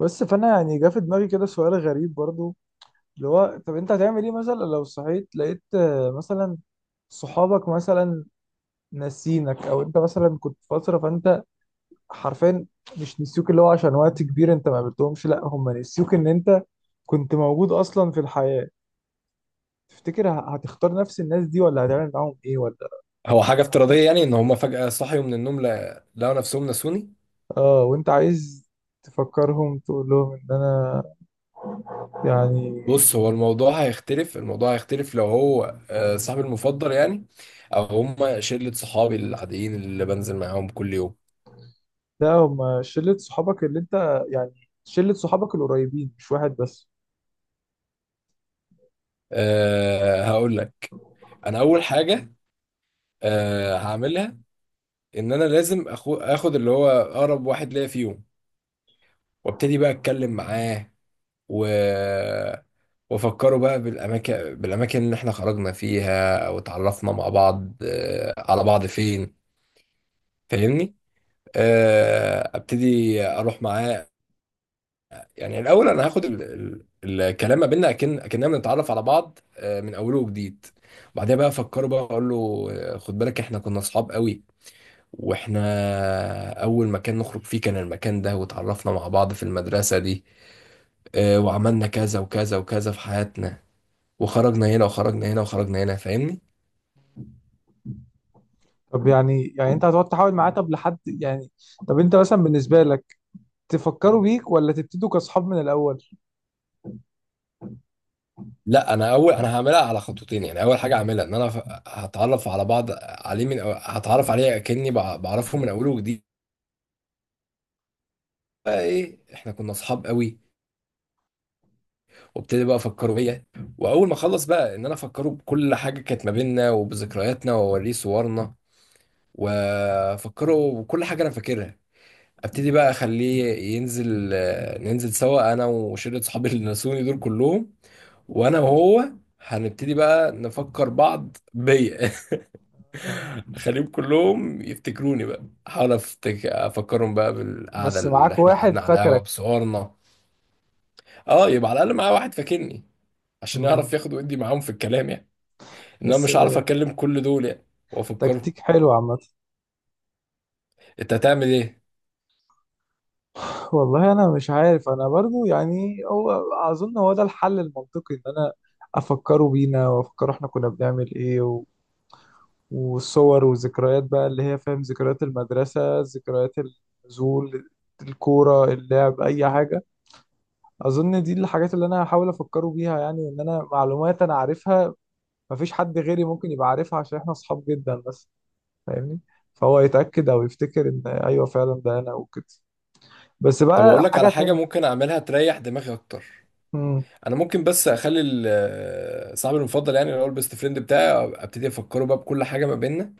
بس فانا جه في دماغي كده سؤال غريب برضو، اللي هو طب انت هتعمل ايه مثلا لو صحيت لقيت مثلا صحابك مثلا ناسينك، او انت مثلا كنت في فتره فانت حرفيا مش نسيوك، اللي هو عشان وقت كبير انت ما قابلتهمش، لا هم نسيوك ان انت كنت موجود اصلا في الحياه. تفتكر هتختار نفس الناس دي ولا هتعمل معاهم ايه، ولا هو حاجة عشان افتراضية يعني ان هما فجأة صحيوا من النوم لقوا نفسهم نسوني. اه، وانت عايز تفكرهم تقول لهم ان انا يعني. بص، هو الموضوع هيختلف، الموضوع هيختلف لو هو صاحبي المفضل يعني، او هما شلة صحابي العاديين اللي بنزل معاهم كل يوم. لا هم شلة صحابك، اللي انت يعني شلة صحابك القريبين مش واحد بس. هقول لك. انا اول حاجة هعملها ان انا لازم اخد اللي هو اقرب واحد ليا فيهم، وابتدي بقى اتكلم معاه و وافكره بقى بالاماكن اللي احنا خرجنا فيها او اتعرفنا مع بعض آه، على بعض فين. فاهمني؟ ابتدي اروح معاه. يعني الاول انا هاخد الكلام ما بيننا اكننا بنتعرف على بعض من اوله وجديد. بعدها بقى افكره، بقى اقول له خد بالك احنا كنا اصحاب قوي، واحنا اول مكان نخرج فيه كان المكان ده، وتعرفنا مع بعض في المدرسة دي. وعملنا كذا وكذا وكذا في حياتنا، وخرجنا هنا وخرجنا هنا وخرجنا هنا. فاهمني؟ طب يعني انت هتقعد تحاول معاه، طب لحد يعني. طب انت مثلا بالنسبة لك تفكروا بيك ولا تبتدوا كأصحاب من الأول؟ لا، انا هعملها على خطوتين. يعني اول حاجه هعملها ان انا هتعرف على بعض عليه هتعرف عليه كاني بعرفه من اوله وجديد. بقى ايه، احنا كنا اصحاب قوي، وابتدي بقى افكره بيا. واول ما اخلص بقى ان انا افكره بكل حاجه كانت ما بيننا وبذكرياتنا، واوريه صورنا وافكره بكل حاجه انا فاكرها. ابتدي بقى اخليه ينزل آه، ننزل سوا، انا وشله صحابي اللي نسوني دول كلهم. وانا وهو هنبتدي بقى نفكر بعض بيا. آه. خليهم كلهم يفتكروني بقى. احاول افكرهم بقى بالقعده بس اللي معاك احنا واحد قعدنا على القهوه فاكرك. بصورنا. اه، يبقى على الاقل معايا واحد فاكرني، عشان يعرف مم. ياخد ويدي معاهم في الكلام، يعني ان انا بس مش هعرف اكلم كل دول يعني وافكرهم. تكتيك حلو عامة. انت هتعمل ايه؟ والله انا مش عارف، انا برضو يعني هو اظن هو ده الحل المنطقي، ان انا افكروا بينا وافكروا احنا كنا بنعمل ايه، والصور والذكريات بقى اللي هي فاهم، ذكريات المدرسة، ذكريات النزول، الكورة، اللعب، أي حاجة. أظن دي الحاجات اللي أنا هحاول أفكره بيها يعني، إن أنا معلومات أنا عارفها مفيش حد غيري ممكن يبقى عارفها عشان إحنا أصحاب جدا. بس فاهمني، فهو يتأكد أو يفتكر إن أيوه فعلا ده أنا وكده. بس طب اقول بقى لك حاجة على حاجه تانية. ممكن اعملها تريح دماغي اكتر. مم. انا ممكن بس اخلي صاحبي المفضل، يعني اللي هو البيست فريند بتاعي، ابتدي افكره بقى بكل حاجه ما بيننا،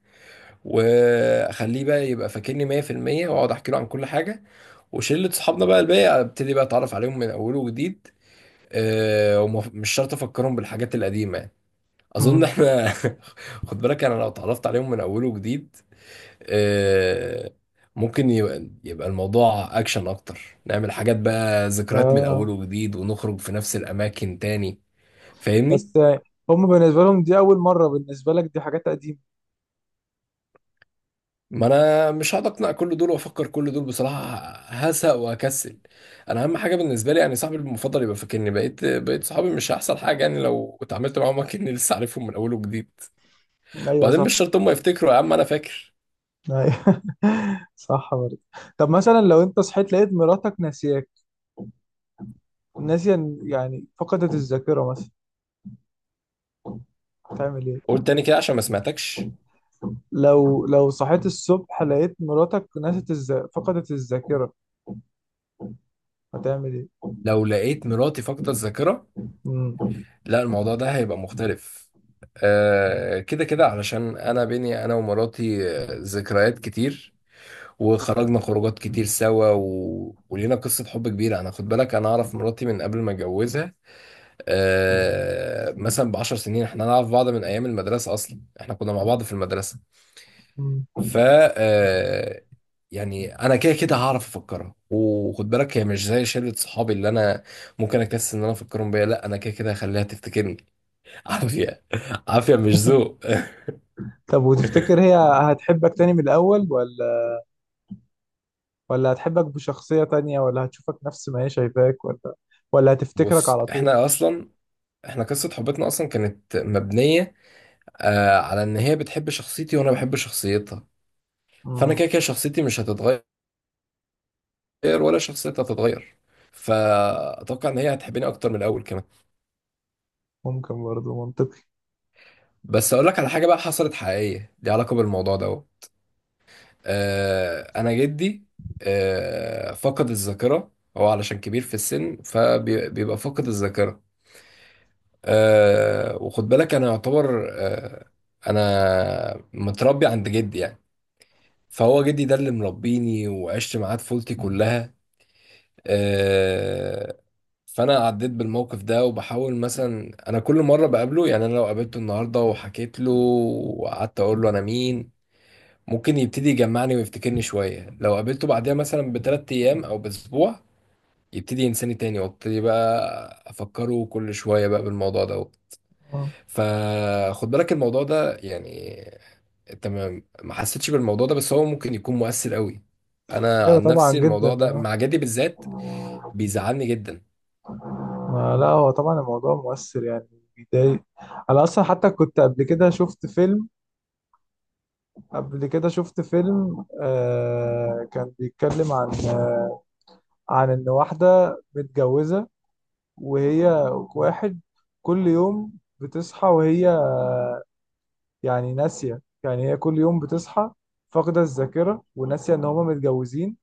واخليه بقى يبقى فاكرني 100%، واقعد احكي له عن كل حاجه. وشلة صحابنا بقى الباقي ابتدي بقى اتعرف عليهم من اول وجديد. ومش شرط افكرهم بالحاجات القديمه يعني. اظن مم. احنا. خد بالك، انا لو اتعرفت عليهم من اول وجديد، أه ممكن يبقى الموضوع اكشن اكتر. نعمل حاجات بقى، ذكريات من اول آه، وجديد، ونخرج في نفس الاماكن تاني. فاهمني؟ بس هم بالنسبة لهم دي أول مرة، بالنسبة لك دي حاجات قديمة. ما انا مش هقعد اقنع كل دول وافكر كل دول بصراحه، هسق وهكسل. انا اهم حاجه بالنسبه لي يعني صاحبي المفضل يبقى فاكرني. بقيت صحابي مش هيحصل حاجه، يعني لو اتعاملت معاهم كاني لسه عارفهم من اول وجديد. أيوه وبعدين صح. مش شرط هم يفتكروا. يا عم انا فاكر. أيوة. صح برضه. طب مثلا لو انت صحيت لقيت مراتك ناسياك، ناسية يعني فقدت الذاكرة مثلا، تعمل ايه؟ قول تاني كده عشان ما سمعتكش. لو صحيت الصبح لقيت مراتك نسيت فقدت الذاكرة، هتعمل ايه؟ لو لقيت مراتي فاقده الذاكره، مم. لا، الموضوع ده هيبقى مختلف. كده كده، علشان انا بيني انا ومراتي ذكريات كتير، وخرجنا خروجات كتير سوا ولينا قصة حب كبيرة. خد بالك، أنا أعرف مراتي من قبل ما أتجوزها مثلا ب10 سنين. إحنا نعرف بعض من أيام المدرسة، أصلا إحنا كنا مع بعض في المدرسة. مم. ف آه... يعني أنا كده كده هعرف أفكرها، وخد بالك هي مش زي شلة صحابي اللي أنا ممكن أكسل إن أنا أفكرهم بيا. لأ، أنا كده كده هخليها تفتكرني. عافية. عافية مش ذوق. طب وتفتكر هي هتحبك تاني من الأول، ولا ولا هتحبك بشخصية تانية، ولا هتشوفك نفس ما هي شايفاك، ولا هتفتكرك بص، على طول؟ إحنا قصة حبتنا أصلا كانت مبنية على ان هي بتحب شخصيتي وانا بحب شخصيتها. فانا مم. كده كده شخصيتي مش هتتغير، ولا شخصيتها هتتغير. فاتوقع ان هي هتحبني اكتر من الاول كمان. ممكن برضه منطقي. بس اقول لك على حاجه بقى حصلت حقيقيه ليها علاقه بالموضوع ده اهو. انا جدي فقد الذاكره، هو علشان كبير في السن فبيبقى فاقد الذاكره. وخد بالك انا يعتبر، انا متربي عند جدي يعني، فهو جدي ده اللي مربيني وعشت معاه طفولتي كلها. آه، فانا عديت بالموقف ده، وبحاول مثلا انا كل مره بقابله. يعني انا لو قابلته النهارده وحكيت له وقعدت اقول له انا مين، ممكن يبتدي يجمعني ويفتكرني شويه. لو قابلته بعدها مثلا ب3 ايام او باسبوع، يبتدي ينساني تاني، وابتدي بقى افكره كل شويه بقى بالموضوع ده. آه. فخد بالك الموضوع ده يعني، انت ما حسيتش بالموضوع ده بس هو ممكن يكون مؤثر قوي. انا ايوه عن طبعا نفسي جدا. الموضوع ده آه. مع جدي بالذات بيزعلني جدا. ما لا، هو طبعا الموضوع مؤثر يعني، بيضايق. انا اصلا حتى كنت قبل كده شفت فيلم كان بيتكلم عن ان واحده متجوزه، وهي واحد كل يوم بتصحى وهي يعني ناسيه، يعني هي كل يوم بتصحى فاقده الذاكره وناسيه ان هما متجوزين،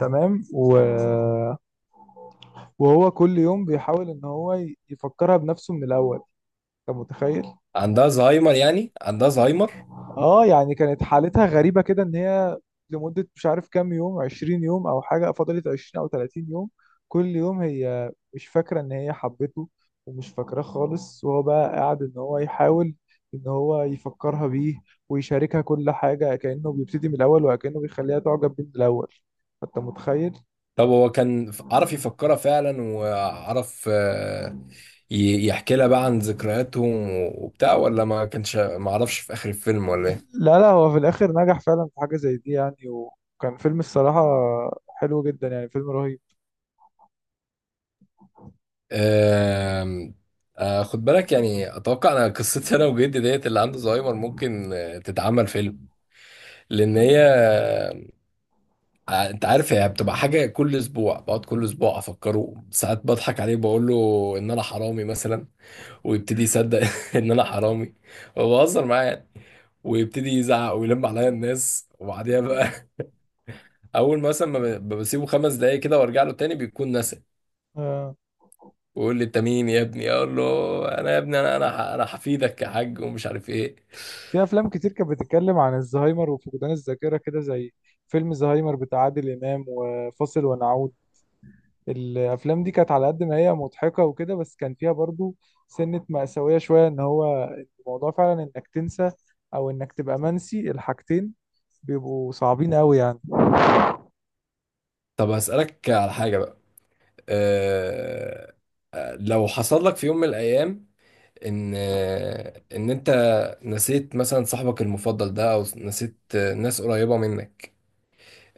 تمام. وهو كل يوم بيحاول ان هو يفكرها بنفسه من الاول، انت متخيل؟ عندها زهايمر، يعني عندها زهايمر. اه، يعني كانت حالتها غريبة كده، ان هي لمدة مش عارف كام يوم، 20 يوم او حاجة، فضلت 20 او 30 يوم كل يوم هي مش فاكرة ان هي حبته ومش فاكراه خالص، وهو بقى قاعد ان هو يحاول ان هو يفكرها بيه ويشاركها كل حاجة، كأنه بيبتدي من الاول وكأنه بيخليها تعجب بيه من الاول. انت متخيل؟ طب هو كان عرف يفكرها فعلا، وعرف يحكي لها بقى عن ذكرياتهم وبتاع، ولا ما عرفش في اخر الفيلم، ولا ايه؟ لا لا، هو في الاخر نجح فعلا في حاجة زي دي يعني، وكان فيلم الصراحة حلو جدا يعني، فيلم رهيب. آم، آه، خد بالك، يعني اتوقع انا قصتي انا وجدي ديت اللي عنده زهايمر ممكن تتعمل فيلم. لان هي آه، آه، انت عارف هي بتبقى حاجه كل اسبوع، بقعد كل اسبوع افكره ساعات، بضحك عليه بقول له ان انا حرامي مثلا، ويبتدي يصدق ان انا حرامي. وبهزر معاه يعني، ويبتدي يزعق ويلم عليا الناس وبعديها بقى، اول ما مثلا ما ب- بسيبه 5 دقايق كده وارجع له تاني بيكون نسى، آه. ويقول لي انت مين يا ابني، اقول له انا يا ابني، انا حفيدك يا حاج ومش عارف ايه. في افلام كتير كانت بتتكلم عن الزهايمر وفقدان الذاكره كده، زي فيلم زهايمر بتاع عادل امام، وفاصل ونعود. الافلام دي كانت على قد ما هي مضحكه وكده، بس كان فيها برضو سنه مأساويه شويه، ان هو الموضوع فعلا انك تنسى او انك تبقى منسي، الحاجتين بيبقوا صعبين قوي يعني. طب هسألك على حاجة بقى. أه لو حصل لك في يوم من الأيام إن أنت نسيت مثلا صاحبك المفضل ده أو نسيت ناس قريبة منك،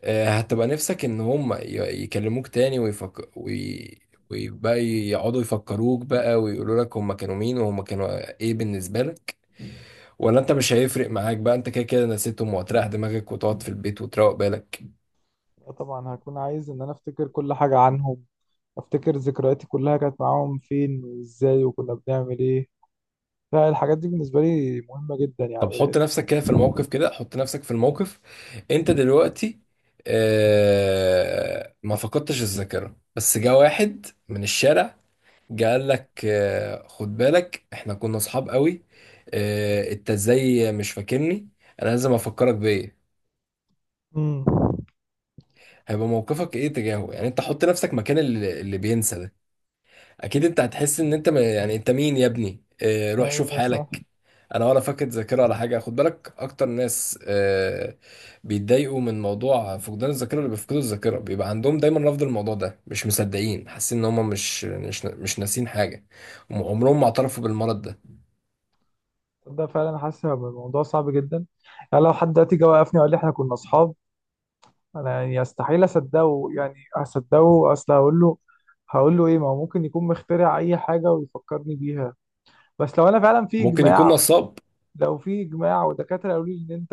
هتبقى نفسك ان هم يكلموك تاني ويبقى يقعدوا يفكروك بقى ويقولوا لك هم كانوا مين وهم كانوا ايه بالنسبة لك، ولا انت مش هيفرق معاك بقى انت كده كده نسيتهم وهتريح دماغك وتقعد في البيت وتروق بالك؟ طبعا هكون عايز ان انا افتكر كل حاجه عنهم، افتكر ذكرياتي كلها كانت معاهم فين وازاي وكنا بنعمل ايه، فالحاجات دي بالنسبه لي مهمه جدا طب حط يعني. نفسك كده في الموقف، كده حط نفسك في الموقف. انت دلوقتي ما فقدتش الذاكرة، بس جه واحد من الشارع قال لك خد بالك احنا كنا اصحاب قوي، انت ازاي مش فاكرني؟ انا لازم افكرك بايه؟ امم هيبقى موقفك ايه تجاهه؟ يعني انت حط نفسك مكان اللي بينسى ده. اكيد انت هتحس ان انت يعني، انت مين يا ابني؟ روح شوف ايوه صح. حالك. انا ولا فاقد ذاكره ولا حاجه. خد بالك اكتر ناس بيتضايقوا من موضوع فقدان الذاكره، اللي بيفقدوا الذاكره بيبقى عندهم دايما رفض الموضوع ده، مش مصدقين، حاسين ان هم مش ناسين حاجه. هم عمرهم ما اعترفوا بالمرض ده. ده فعلا حاسس هيبقى الموضوع صعب جدا، يعني لو حد دلوقتي جه وقفني وقال لي احنا كنا اصحاب، انا يعني استحيل اصدقه يعني اصدقه، اصل هقول له ايه، ما هو ممكن يكون مخترع اي حاجه ويفكرني بيها. بس لو انا فعلا في ممكن يكون اجماع نصاب. لو في اجماع ودكاتره قالوا لي ان انت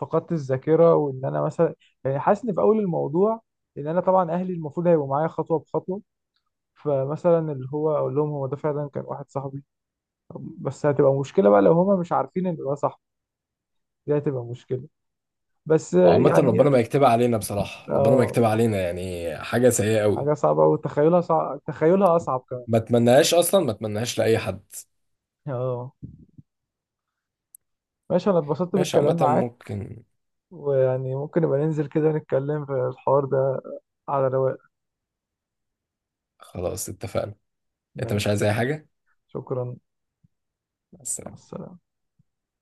فقدت الذاكره، وان انا مثلا يعني حاسس ان في اول الموضوع، ان انا طبعا اهلي المفروض هيبقوا معايا خطوه بخطوه، فمثلا اللي هو اقول لهم هو ده فعلا كان واحد صاحبي، بس هتبقى مشكله بقى لو هما مش عارفين ان ده صاحبي، دي هتبقى مشكله. بس وعامة يعني. ربنا ما يكتبها علينا بصراحة، ربنا ما يكتبها اه، علينا، يعني حاجة سيئة قوي. حاجة صعبة وتخيلها صعب، تخيلها أصعب كمان. ما اتمناهاش أصلا، ما اتمناهاش لأي حد. اه ماشي، أنا اتبسطت ماشي، بالكلام عامة معاك، ممكن. ويعني ممكن نبقى ننزل كده نتكلم في الحوار ده على رواق. خلاص اتفقنا. أنت مش ماشي. عايز أي حاجة؟ شكرا. مع مع السلامة. السلامة.